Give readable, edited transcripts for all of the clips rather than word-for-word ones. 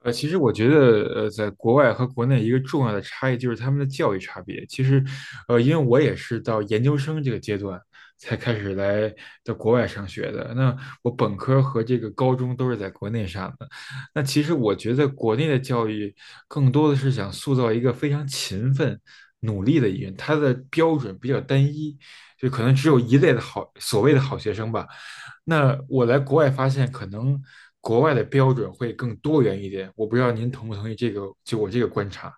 其实我觉得，在国外和国内一个重要的差异就是他们的教育差别。其实，因为我也是到研究生这个阶段才开始来到国外上学的。那我本科和这个高中都是在国内上的。那其实我觉得国内的教育更多的是想塑造一个非常勤奋、努力的一个人，他的标准比较单一，就可能只有一类的好，所谓的好学生吧。那我来国外发现，可能国外的标准会更多元一点。我不知道您同不同意这个，就我这个观察。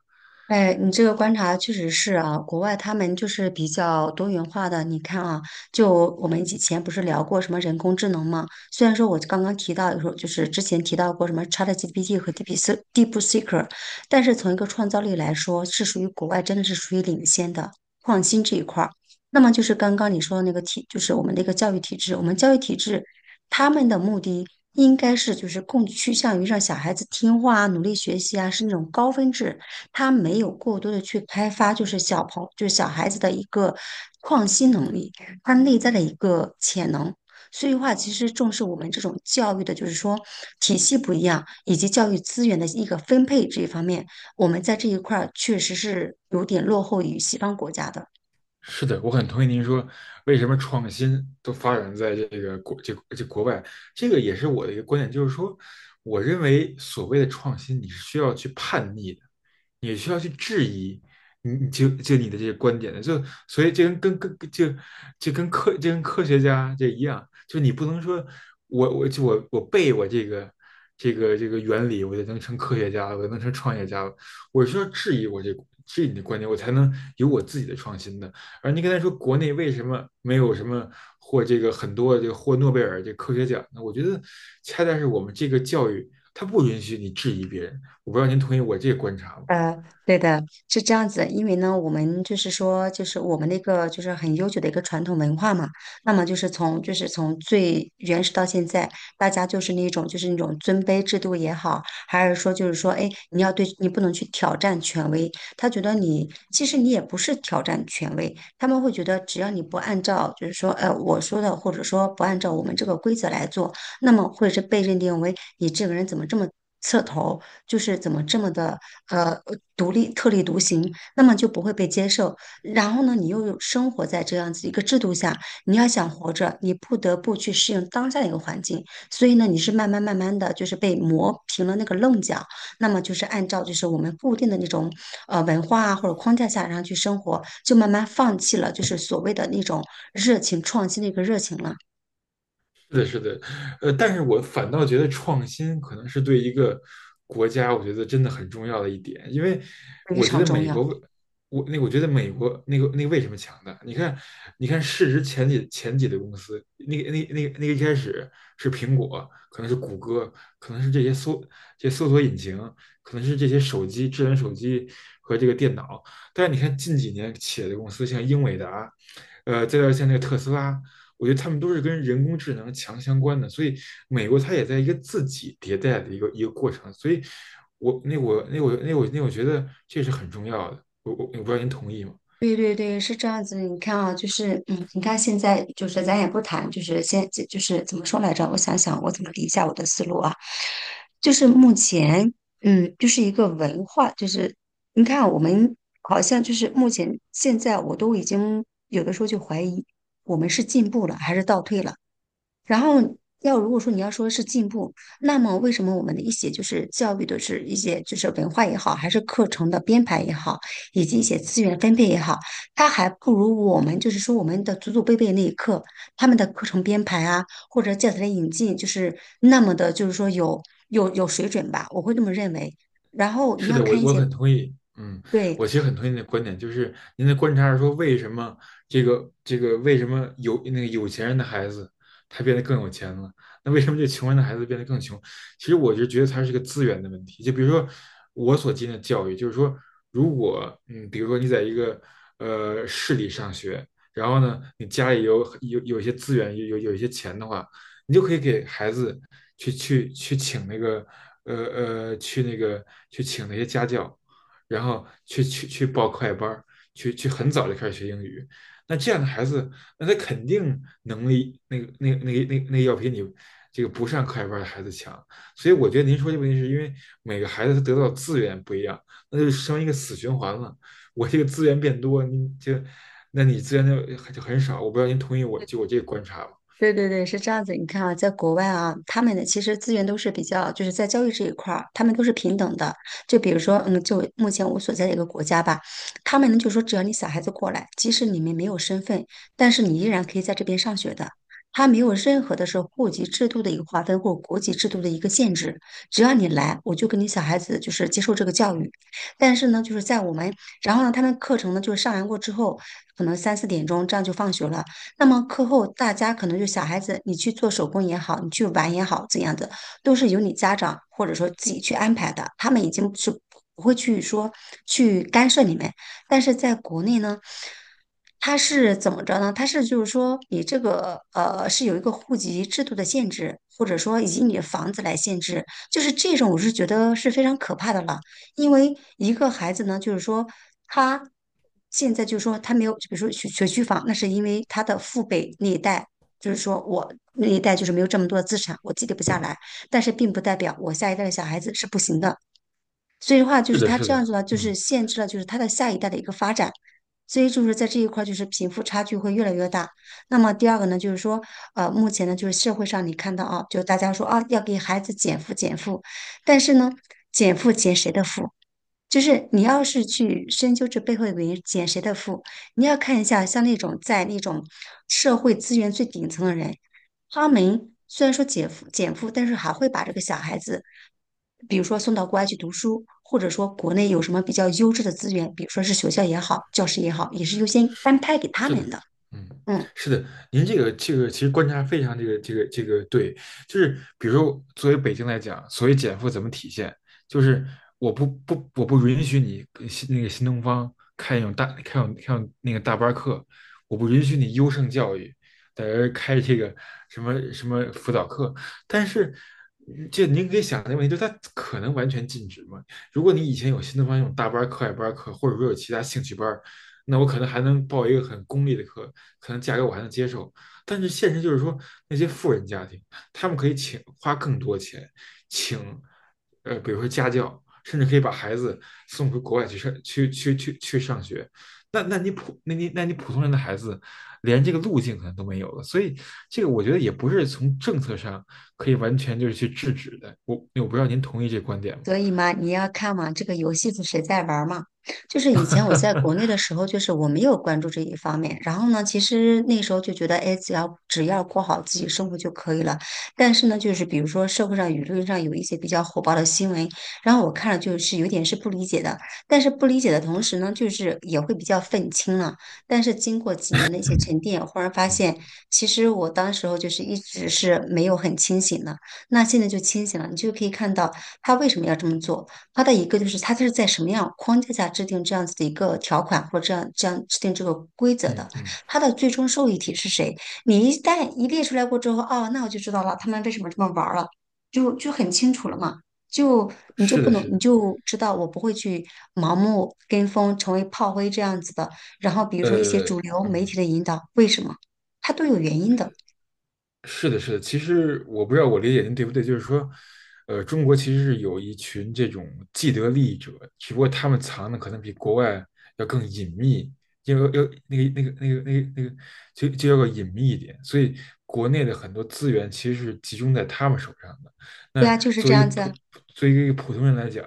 哎，你这个观察确实是啊，国外他们就是比较多元化的。你看啊，就我们以前不是聊过什么人工智能吗？虽然说我刚刚提到，有时候就是之前提到过什么 ChatGPT 和 DeepSeek，但是从一个创造力来说，是属于国外真的是属于领先的创新这一块儿。那么就是刚刚你说的那个体，就是我们的一个教育体制，我们教育体制他们的目的应该是就是更趋向于让小孩子听话啊，努力学习啊，是那种高分制。他没有过多的去开发，就是小孩子的一个创新能力，他内在的一个潜能。所以话，其实重视我们这种教育的，就是说体系不一样，以及教育资源的一个分配这一方面，我们在这一块儿确实是有点落后于西方国家的。是的，我很同意您说，为什么创新都发展在国外，这个也是我的一个观点，就是说，我认为所谓的创新，你是需要去叛逆的，你需要去质疑你你就就你的这些观点的，就所以这跟跟跟就就跟科这跟科学家这一样，就你不能说我我就我我背我这个原理，我就能成科学家了，我就能成创业家了，我需要质疑你的观点，我才能有我自己的创新的。而您刚才说国内为什么没有什么获这个很多这个获诺贝尔这科学奖呢？我觉得恰恰是我们这个教育它不允许你质疑别人。我不知道您同意我这个观察吗？呃，对的，是这样子，因为呢，我们就是说，就是我们那个就是很悠久的一个传统文化嘛，那么就是从最原始到现在，大家就是那种尊卑制度也好，还是说就是说，哎，你要对你不能去挑战权威，他觉得你其实你也不是挑战权威，他们会觉得只要你不按照就是说我说的，或者说不按照我们这个规则来做，那么会是被认定为你这个人怎么这么。刺头，就是怎么这么的呃独立特立独行，那么就不会被接受。然后呢，你又有生活在这样子一个制度下，你要想活着，你不得不去适应当下的一个环境。所以呢，你是慢慢慢慢的就是被磨平了那个棱角，那么就是按照就是我们固定的那种文化啊或者框架下，然后去生活，就慢慢放弃了就是所谓的那种热情创新的一个热情了，是的，是的，但是我反倒觉得创新可能是对一个国家，我觉得真的很重要的一点，因为非我觉常得重美要。国为，我那个我觉得美国为什么强大？你看,市值前几的公司，一开始是苹果，可能是谷歌，可能是这些搜索引擎，可能是这些手机智能手机和这个电脑，但是你看近几年企业的公司，像英伟达，再到像那个特斯拉。我觉得他们都是跟人工智能强相关的，所以美国它也在一个自己迭代的一个过程，所以我觉得这是很重要的，我不知道您同意吗？对对对，是这样子。你看啊，就是嗯，你看现在就是咱也不谈，就是先就是怎么说来着？我想想，我怎么理一下我的思路啊？就是目前，嗯，就是一个文化，就是你看啊我们好像就是目前现在，我都已经有的时候就怀疑我们是进步了还是倒退了。然后要如果说你要说是进步，那么为什么我们的一些就是教育的是一些就是文化也好，还是课程的编排也好，以及一些资源分配也好，它还不如我们就是说我们的祖祖辈辈那一刻他们的课程编排啊，或者教材的引进，就是那么的，就是说有水准吧，我会这么认为。然后你是要的，我看一我些。很同意。嗯，对，我其实很同意你的观点，就是您的观察是说，为什么为什么有那个有钱人的孩子他变得更有钱了？那为什么这穷人的孩子变得更穷？其实我就觉得它是个资源的问题。就比如说我所经历的教育，就是说，如果比如说你在一个市里上学，然后呢，你家里有一些资源，有一些钱的话，你就可以给孩子去去去请那个呃呃去那个去请那些家教，然后去报课外班很早就开始学英语。那这样的孩子，那他肯定能力要比你这个不上课外班的孩子强。所以我觉得您说这个问题是因为每个孩子他得到资源不一样，那就成一个死循环了。我这个资源变多，你就那你资源就很少。我不知道您同意我这个观察吗？对对对，是这样子。你看啊，在国外啊，他们的其实资源都是比较，就是在教育这一块儿，他们都是平等的。就比如说，嗯，就目前我所在的一个国家吧，他们呢就说，只要你小孩子过来，即使你们没有身份，但是你依然可以在这边上学的。他没有任何的是户籍制度的一个划分或国籍制度的一个限制，只要你来，我就跟你小孩子就是接受这个教育。但是呢，就是在我们，然后呢，他们课程呢就是上完过之后，可能三四点钟这样就放学了。那么课后大家可能就小孩子，你去做手工也好，你去玩也好，怎样的都是由你家长或者说自己去安排的，他们已经是不会去说去干涉你们。但是在国内呢，它是怎么着呢？它是就是说，你这个是有一个户籍制度的限制，或者说以及你的房子来限制，就是这种我是觉得是非常可怕的了。因为一个孩子呢，就是说他现在就是说他没有，比如说学学区房，那是因为他的父辈那一代，就是说我那一代就是没有这么多的资产，我积累不下来，但是并不代表我下一代的小孩子是不行的。所以的话，就是是的，他是这的，样子呢，就是嗯。限制了就是他的下一代的一个发展，所以就是在这一块儿就是贫富差距会越来越大。那么第二个呢，就是说，目前呢就是社会上你看到啊，就大家说啊要给孩子减负减负，但是呢，减负减谁的负？就是你要是去深究这背后的原因，减谁的负，你要看一下，像那种在那种社会资源最顶层的人，他们虽然说减负减负，但是还会把这个小孩子，比如说送到国外去读书，或者说国内有什么比较优质的资源，比如说是学校也好，教师也好，也是优先安排给他是们的，的。嗯，嗯。是的，您这个其实观察非常对，就是比如说作为北京来讲，所谓减负怎么体现，就是我不允许你跟新东方开那种大班课，我不允许你优胜教育在这儿开这个什么什么辅导课，但是这您可以想的问题就他可能完全禁止吗？如果你以前有新东方那种大班课、外班课，或者说有其他兴趣班，那我可能还能报一个很功利的课，可能价格我还能接受。但是现实就是说，那些富人家庭，他们可以请花更多钱，请比如说家教，甚至可以把孩子送回国外去上去去去去上学。那你普通人的孩子，连这个路径可能都没有了。所以这个我觉得也不是从政策上可以完全就是去制止的。我不知道您同意这个观点吗？所以嘛，你要看嘛，这个游戏是谁在玩儿嘛？就是以前我在国内的 时候，就是我没有关注这一方面。然后呢，其实那时候就觉得，哎，只要过好自己生活就可以了。但是呢，就是比如说社会上舆论上有一些比较火爆的新闻，然后我看了就是有点是不理解的。但是不理解的同时呢，就是也会比较愤青了。但是经过几年的一些沉淀，忽然发现，嗯其实我当时候就是一直是没有很清醒的。那现在就清醒了，你就可以看到。他为什么要这么做？他的一个就是他是在什么样框架下制定这样子的一个条款，或者这样制定这个规则的？嗯嗯，他的最终受益体是谁？你一旦一列出来过之后，哦，那我就知道了，他们为什么这么玩了，就很清楚了嘛。就你就是不的，能，是你的。就知道我不会去盲目跟风，成为炮灰这样子的。然后比如说一些呃，主流媒体嗯，的引导，为什么？它都有原因的。是的，是的。其实我不知道我理解您对不对，就是说，中国其实是有一群这种既得利益者，只不过他们藏的可能比国外要更隐秘，要要那个那个那个那个那个，就就要个隐秘一点。所以国内的很多资源其实是集中在他们手上的。对啊，那就是作这为一个样子啊。普，作为一个普通人来讲，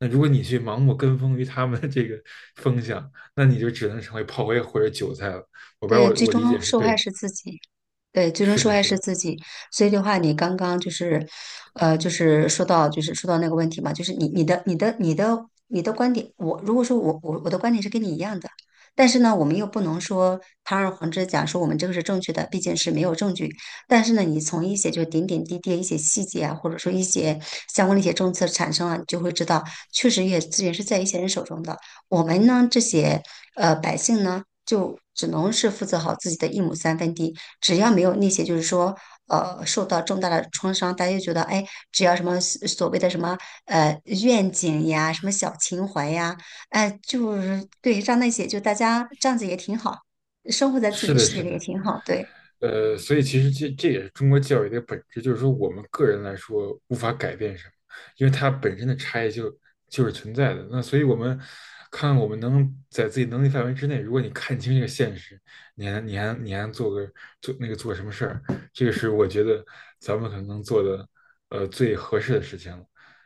那如果你去盲目跟风于他们的这个风向，那你就只能成为炮灰或者韭菜了。我不知道对，我最我理终解是受对害吗？是自己。对，最终是受的，害是是的，自己。所以的话，你刚刚就是，就是说到那个问题嘛，就是你的观点，我如果说我的观点是跟你一样的，但是呢，我们又不能说堂而皇之讲说我们这个是正确的，毕竟是没有证据。但是呢，你从一些就点点滴滴的一些细节啊，或者说一些相关的一些政策产生了，你就会知道，确实也资源是在一些人手中的。我们呢，这些百姓呢。就只能是负责好自己的一亩三分地。只要没有那些，就是说，受到重大的创伤，大家就觉得，哎，只要什么所谓的什么愿景呀，什么小情怀呀，哎，就是对，让那些就大家这样子也挺好，生活在自己是的的，世界是里的，也挺好。对，所以其实这也是中国教育的本质，就是说我们个人来说无法改变什么，因为它本身的差异就是存在的。那所以我们看我们能在自己能力范围之内，如果你看清这个现实，你还做个做那个做什么事儿，这个是我觉得咱们可能能做的最合适的事情了。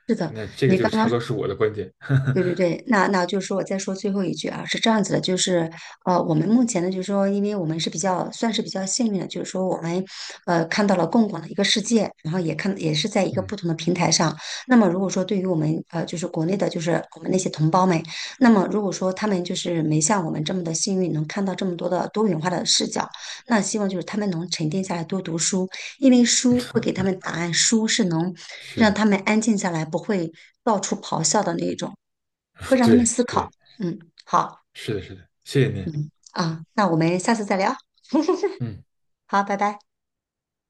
是的，那这个你就刚差不刚多是我的观点。对对 对，那就是说我再说最后一句啊，是这样子的，就是我们目前呢，就是说，因为我们是比较算是比较幸运的，就是说我们看到了更广的一个世界，然后也看也是在一个嗯，不同的平台上。那么如果说对于我们就是国内的，就是我们那些同胞们，那么如果说他们就是没像我们这么的幸运，能看到这么多的多元化的视角，那希望就是他们能沉淀下来多读书，因为书会给他们答案，书是能是让的，他们安静下来，不会到处咆哮的那种。会 让他们对思考。对，嗯，好是的，是的，谢谢您。啊，那我们下次再聊。嗯。好，拜拜。